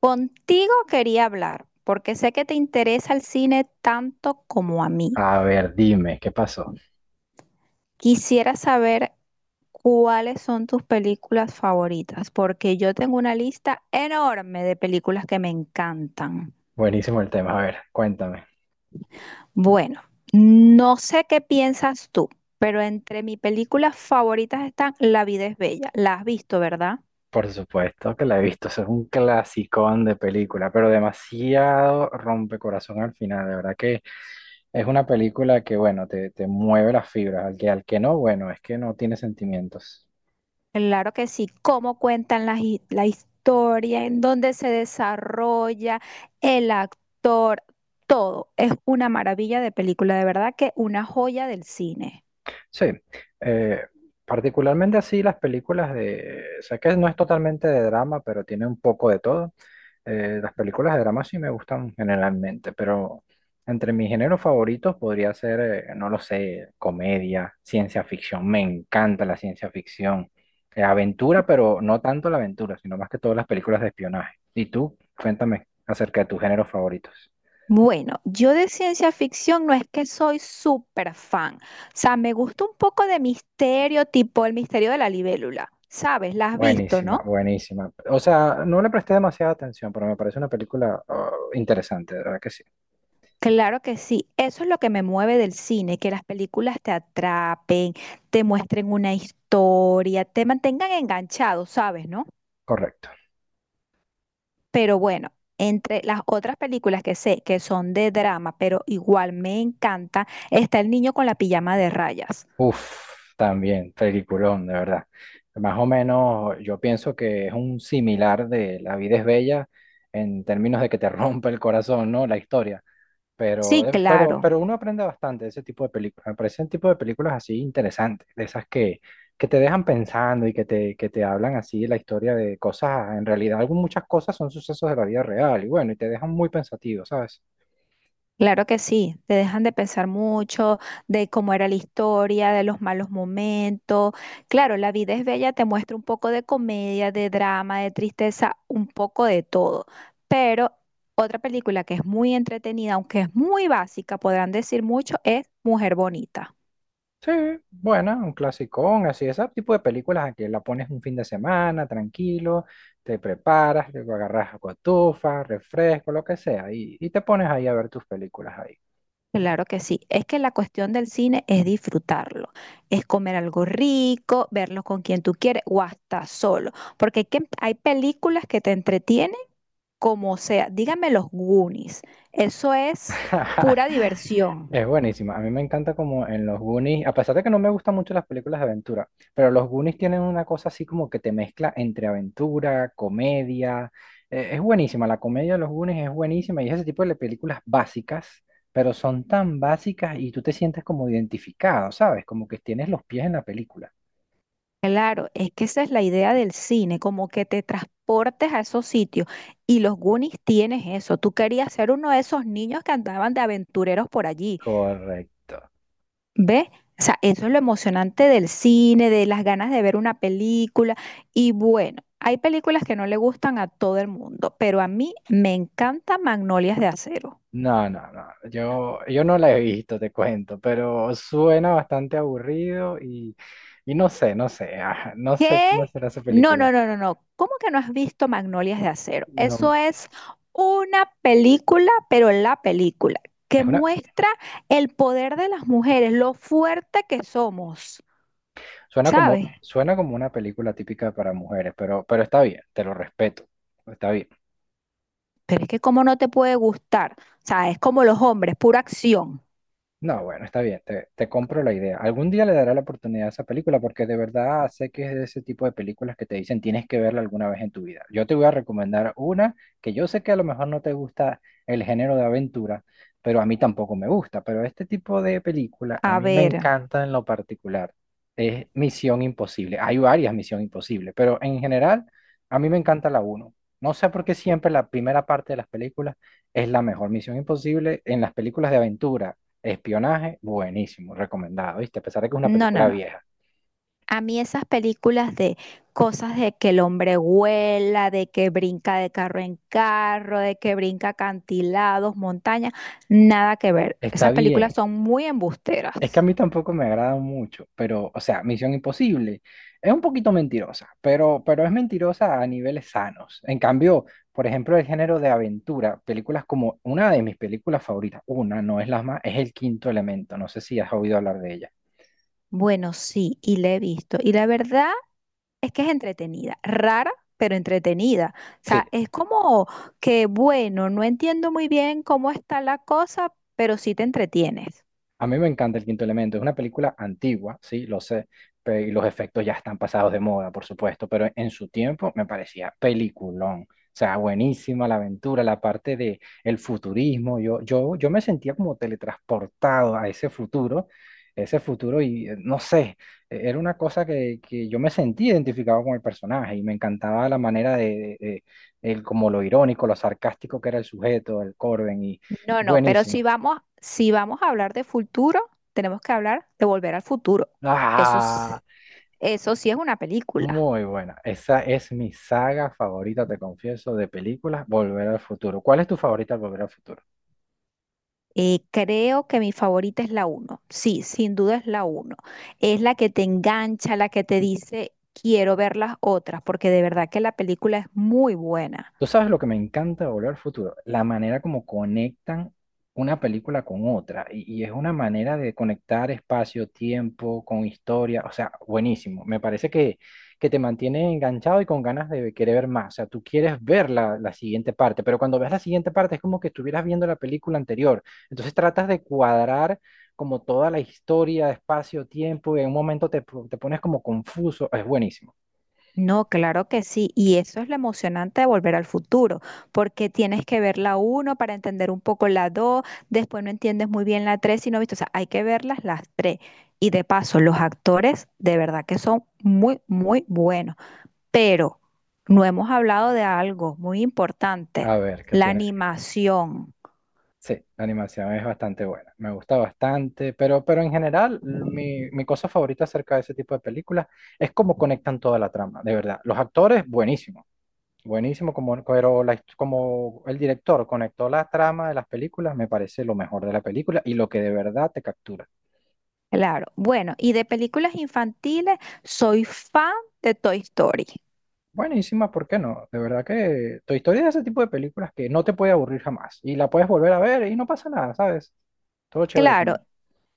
Contigo quería hablar, porque sé que te interesa el cine tanto como a mí. A ver, dime, ¿qué pasó? Quisiera saber cuáles son tus películas favoritas, porque yo tengo una lista enorme de películas que me encantan. Buenísimo el tema. A ver, cuéntame. Bueno, no sé qué piensas tú, pero entre mis películas favoritas están La vida es bella. La has visto, ¿verdad? Por supuesto que la he visto. Eso es un clasicón de película, pero demasiado rompecorazón al final. De verdad que es una película que, bueno, te mueve las fibras. Al que no, bueno, es que no tiene sentimientos. Claro que sí, cómo cuentan la historia, en dónde se desarrolla el actor, todo. Es una maravilla de película, de verdad que una joya del cine. Sí, eh, particularmente así las películas de... Sé que no es totalmente de drama, pero tiene un poco de todo. Las películas de drama sí me gustan generalmente, pero entre mis géneros favoritos podría ser, no lo sé, comedia, ciencia ficción. Me encanta la ciencia ficción. Aventura, pero no tanto la aventura, sino más que todas las películas de espionaje. ¿Y tú? Cuéntame acerca de tus géneros favoritos. Bueno, yo de ciencia ficción no es que soy súper fan, o sea, me gusta un poco de misterio, tipo el misterio de la libélula, ¿sabes? ¿La has visto, Buenísima, no? buenísima. O sea, no le presté demasiada atención, pero me parece una película, ah, interesante, de verdad que sí. Claro que sí, eso es lo que me mueve del cine, que las películas te atrapen, te muestren una historia, te mantengan enganchado, ¿sabes, no? Correcto. Pero bueno, entre las otras películas que sé que son de drama, pero igual me encanta, está El niño con la pijama de rayas. Uf, también, peliculón, de verdad. Más o menos, yo pienso que es un similar de La vida es bella en términos de que te rompe el corazón, ¿no? La historia. Sí, Pero, eh, pero, claro. pero uno aprende bastante de ese tipo de películas. Me parecen tipo de películas así interesantes, de esas que te dejan pensando y que te hablan así de la historia de cosas. En realidad, muchas cosas son sucesos de la vida real y bueno, y te dejan muy pensativo, ¿sabes? Claro que sí, te dejan de pensar mucho de cómo era la historia, de los malos momentos. Claro, La vida es bella te muestra un poco de comedia, de drama, de tristeza, un poco de todo. Pero otra película que es muy entretenida, aunque es muy básica, podrán decir mucho, es Mujer Bonita. Sí, buena, un clasicón, así, ese tipo de películas a que la pones un fin de semana, tranquilo, te preparas, luego agarras cotufa, refresco, lo que sea, y te pones ahí a ver tus películas ahí. Claro que sí. Es que la cuestión del cine es disfrutarlo, es comer algo rico, verlo con quien tú quieres o hasta solo, porque hay películas que te entretienen como sea. Dígame los Goonies, eso es pura diversión. Es buenísima. A mí me encanta como en los Goonies, a pesar de que no me gustan mucho las películas de aventura, pero los Goonies tienen una cosa así como que te mezcla entre aventura, comedia. Es buenísima, la comedia de los Goonies es buenísima y es ese tipo de películas básicas, pero son tan básicas y tú te sientes como identificado, ¿sabes? Como que tienes los pies en la película. Claro, es que esa es la idea del cine, como que te transportes a esos sitios y los Goonies tienes eso. Tú querías ser uno de esos niños que andaban de aventureros por allí. Correcto. ¿Ve? O sea, eso es lo emocionante del cine, de las ganas de ver una película. Y bueno, hay películas que no le gustan a todo el mundo, pero a mí me encanta Magnolias de Acero. No, no, no. Yo no la he visto, te cuento, pero suena bastante aburrido y, no sé, ah, no sé ¿Qué? cómo será esa No, no, película. no, no, no. ¿Cómo que no has visto Magnolias de Acero? No, Eso es una película, pero la película, que es una, muestra el poder de las mujeres, lo fuerte que somos, ¿sabes? suena como una película típica para mujeres, pero está bien, te lo respeto, está bien. Pero es que cómo no te puede gustar. O sea, es como los hombres, pura acción. No, bueno, está bien, te compro la idea. Algún día le daré la oportunidad a esa película porque de verdad sé que es de ese tipo de películas que te dicen tienes que verla alguna vez en tu vida. Yo te voy a recomendar una que yo sé que a lo mejor no te gusta el género de aventura, pero a mí tampoco me gusta. Pero este tipo de película a A mí me ver, encanta en lo particular. Es Misión Imposible. Hay varias Misión Imposible, pero en general a mí me encanta la uno. No sé por qué siempre la primera parte de las películas es la mejor. Misión Imposible en las películas de aventura. Espionaje, buenísimo, recomendado, ¿viste? A pesar de que es una no, no, película no. vieja. A mí esas películas de cosas de que el hombre vuela, de que brinca de carro en carro, de que brinca acantilados, montañas, nada que ver. Está Esas películas bien. son muy Es que a embusteras. mí tampoco me agrada mucho, pero, o sea, Misión Imposible es un poquito mentirosa, pero es mentirosa a niveles sanos. En cambio, por ejemplo, el género de aventura, películas como una de mis películas favoritas, una, no es la más, es El Quinto Elemento, no sé si has oído hablar de ella. Bueno, sí, y la he visto. Y la verdad... Es que es entretenida, rara, pero entretenida. O Sí, sea, es como que, bueno, no entiendo muy bien cómo está la cosa, pero sí te entretienes. a mí me encanta El Quinto Elemento, es una película antigua, sí, lo sé, y los efectos ya están pasados de moda, por supuesto, pero en su tiempo me parecía peliculón. O sea, buenísima la aventura, la parte de el futurismo, yo me sentía como teletransportado a ese futuro y no sé, era una cosa que yo me sentía identificado con el personaje y me encantaba la manera de el, como lo irónico, lo sarcástico que era el sujeto, el Corben y No, no, pero si buenísimo. vamos, si vamos a hablar de futuro, tenemos que hablar de Volver al Futuro. Eso, Ah. s- eso sí es una película. Muy buena. Esa es mi saga favorita, te confieso, de películas, Volver al Futuro. ¿Cuál es tu favorita, de Volver al Futuro? Creo que mi favorita es la uno. Sí, sin duda es la uno. Es la que te engancha, la que te dice, quiero ver las otras, porque de verdad que la película es muy buena. Tú sabes lo que me encanta de Volver al Futuro, la manera como conectan una película con otra y es una manera de conectar espacio, tiempo, con historia, o sea, buenísimo. Me parece que te mantiene enganchado y con ganas de querer ver más, o sea, tú quieres ver la siguiente parte, pero cuando ves la siguiente parte es como que estuvieras viendo la película anterior, entonces tratas de cuadrar como toda la historia, espacio, tiempo y en un momento te pones como confuso, es buenísimo. No, claro que sí. Y eso es lo emocionante de Volver al Futuro, porque tienes que ver la uno para entender un poco la 2, después no entiendes muy bien la tres y no viste. O sea, hay que verlas las tres. Y de paso, los actores de verdad que son muy, muy buenos. Pero no hemos hablado de algo muy importante, A ver, ¿qué la tienes? animación. Sí, la animación es bastante buena, me gusta bastante, pero en general mi cosa favorita acerca de ese tipo de películas es cómo conectan toda la trama, de verdad. Los actores, buenísimo, buenísimo, como, pero como el director conectó la trama de las películas, me parece lo mejor de la película y lo que de verdad te captura. Claro. Bueno, y de películas infantiles, soy fan de Toy Story. Buenísima, ¿por qué no? De verdad que tu historia es ese tipo de películas que no te puede aburrir jamás y la puedes volver a ver y no pasa nada, ¿sabes? Todo chévere con Claro,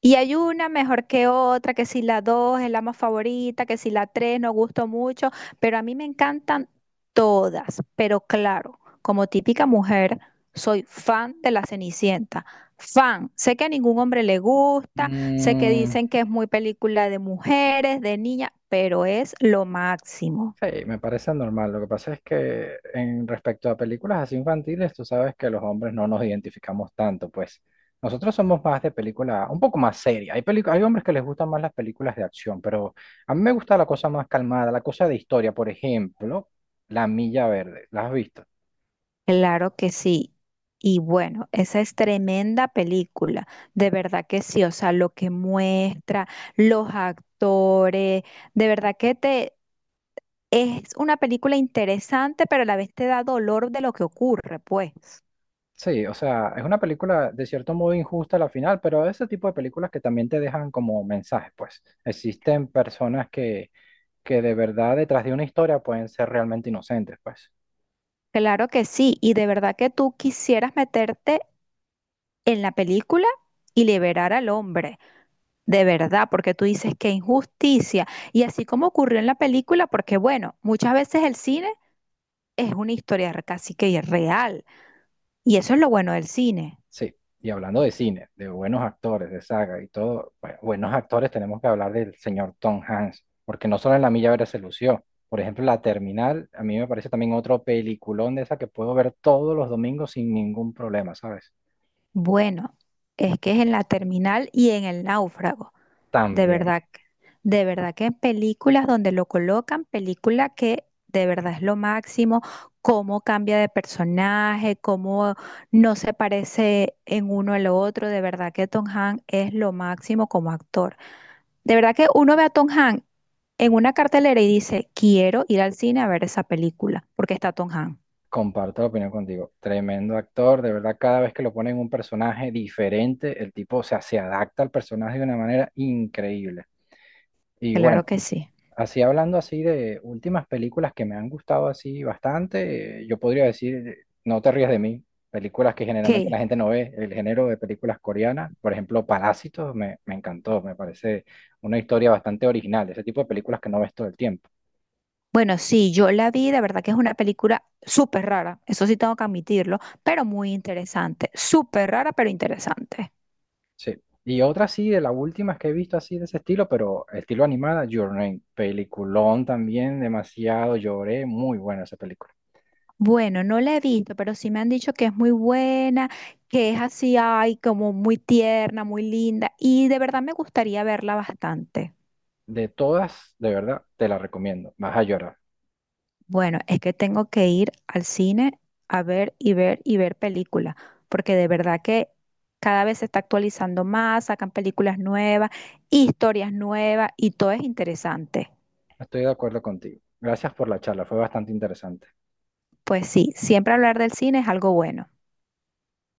y hay una mejor que otra, que si la dos es la más favorita, que si la tres no gustó mucho, pero a mí me encantan todas. Pero claro, como típica mujer, soy fan de la Cenicienta. Fan. Sé que a ningún hombre le gusta, sé que él. dicen que es muy película de mujeres, de niñas, pero es lo máximo. Sí, me parece normal. Lo que pasa es que en respecto a películas así infantiles, tú sabes que los hombres no nos identificamos tanto, pues nosotros somos más de película, un poco más seria. Hay hombres que les gustan más las películas de acción, pero a mí me gusta la cosa más calmada, la cosa de historia, por ejemplo, La Milla Verde. ¿La has visto? Claro que sí. Y bueno, esa es tremenda película, de verdad que sí, o sea, lo que muestra, los actores, de verdad que te es una película interesante, pero a la vez te da dolor de lo que ocurre, pues. Sí, o sea, es una película de cierto modo injusta a la final, pero ese tipo de películas que también te dejan como mensajes, pues existen personas que de verdad detrás de una historia pueden ser realmente inocentes, pues. Claro que sí, y de verdad que tú quisieras meterte en la película y liberar al hombre, de verdad, porque tú dices qué injusticia. Y así como ocurrió en la película, porque bueno, muchas veces el cine es una historia casi que real. Y eso es lo bueno del cine. Sí, y hablando de cine, de buenos actores, de saga y todo, bueno, buenos actores tenemos que hablar del señor Tom Hanks, porque no solo en La Milla Verde se lució, por ejemplo, La Terminal, a mí me parece también otro peliculón de esa que puedo ver todos los domingos sin ningún problema, ¿sabes? Bueno, es que es en la terminal y en el náufrago. De También, verdad, de verdad que en películas donde lo colocan, película que de verdad es lo máximo, cómo cambia de personaje, cómo no se parece en uno al otro. De verdad que Tom Hanks es lo máximo como actor. De verdad que uno ve a Tom Hanks en una cartelera y dice, quiero ir al cine a ver esa película, porque está Tom Hanks. comparto la opinión contigo, tremendo actor, de verdad, cada vez que lo ponen en un personaje diferente, el tipo, o sea, se adapta al personaje de una manera increíble. Y Claro bueno. que sí. Así hablando así de últimas películas que me han gustado así bastante, yo podría decir, no te rías de mí, películas que generalmente ¿Qué? la gente no ve, el género de películas coreanas, por ejemplo, Parásitos, me encantó, me parece una historia bastante original, ese tipo de películas que no ves todo el tiempo. Bueno, sí, yo la vi, de verdad que es una película súper rara, eso sí tengo que admitirlo, pero muy interesante, súper rara, pero interesante. Sí. Y otra sí, de las últimas que he visto así de ese estilo, pero estilo animada, Your Name, peliculón también, demasiado, lloré, muy buena esa película. Bueno, no la he visto, pero sí me han dicho que es muy buena, que es así, ay, como muy tierna, muy linda, y de verdad me gustaría verla bastante. De todas, de verdad, te la recomiendo, vas a llorar. Bueno, es que tengo que ir al cine a ver y ver y ver películas, porque de verdad que cada vez se está actualizando más, sacan películas nuevas, historias nuevas y todo es interesante. Estoy de acuerdo contigo. Gracias por la charla, fue bastante interesante. Pues sí, siempre hablar del cine es algo bueno.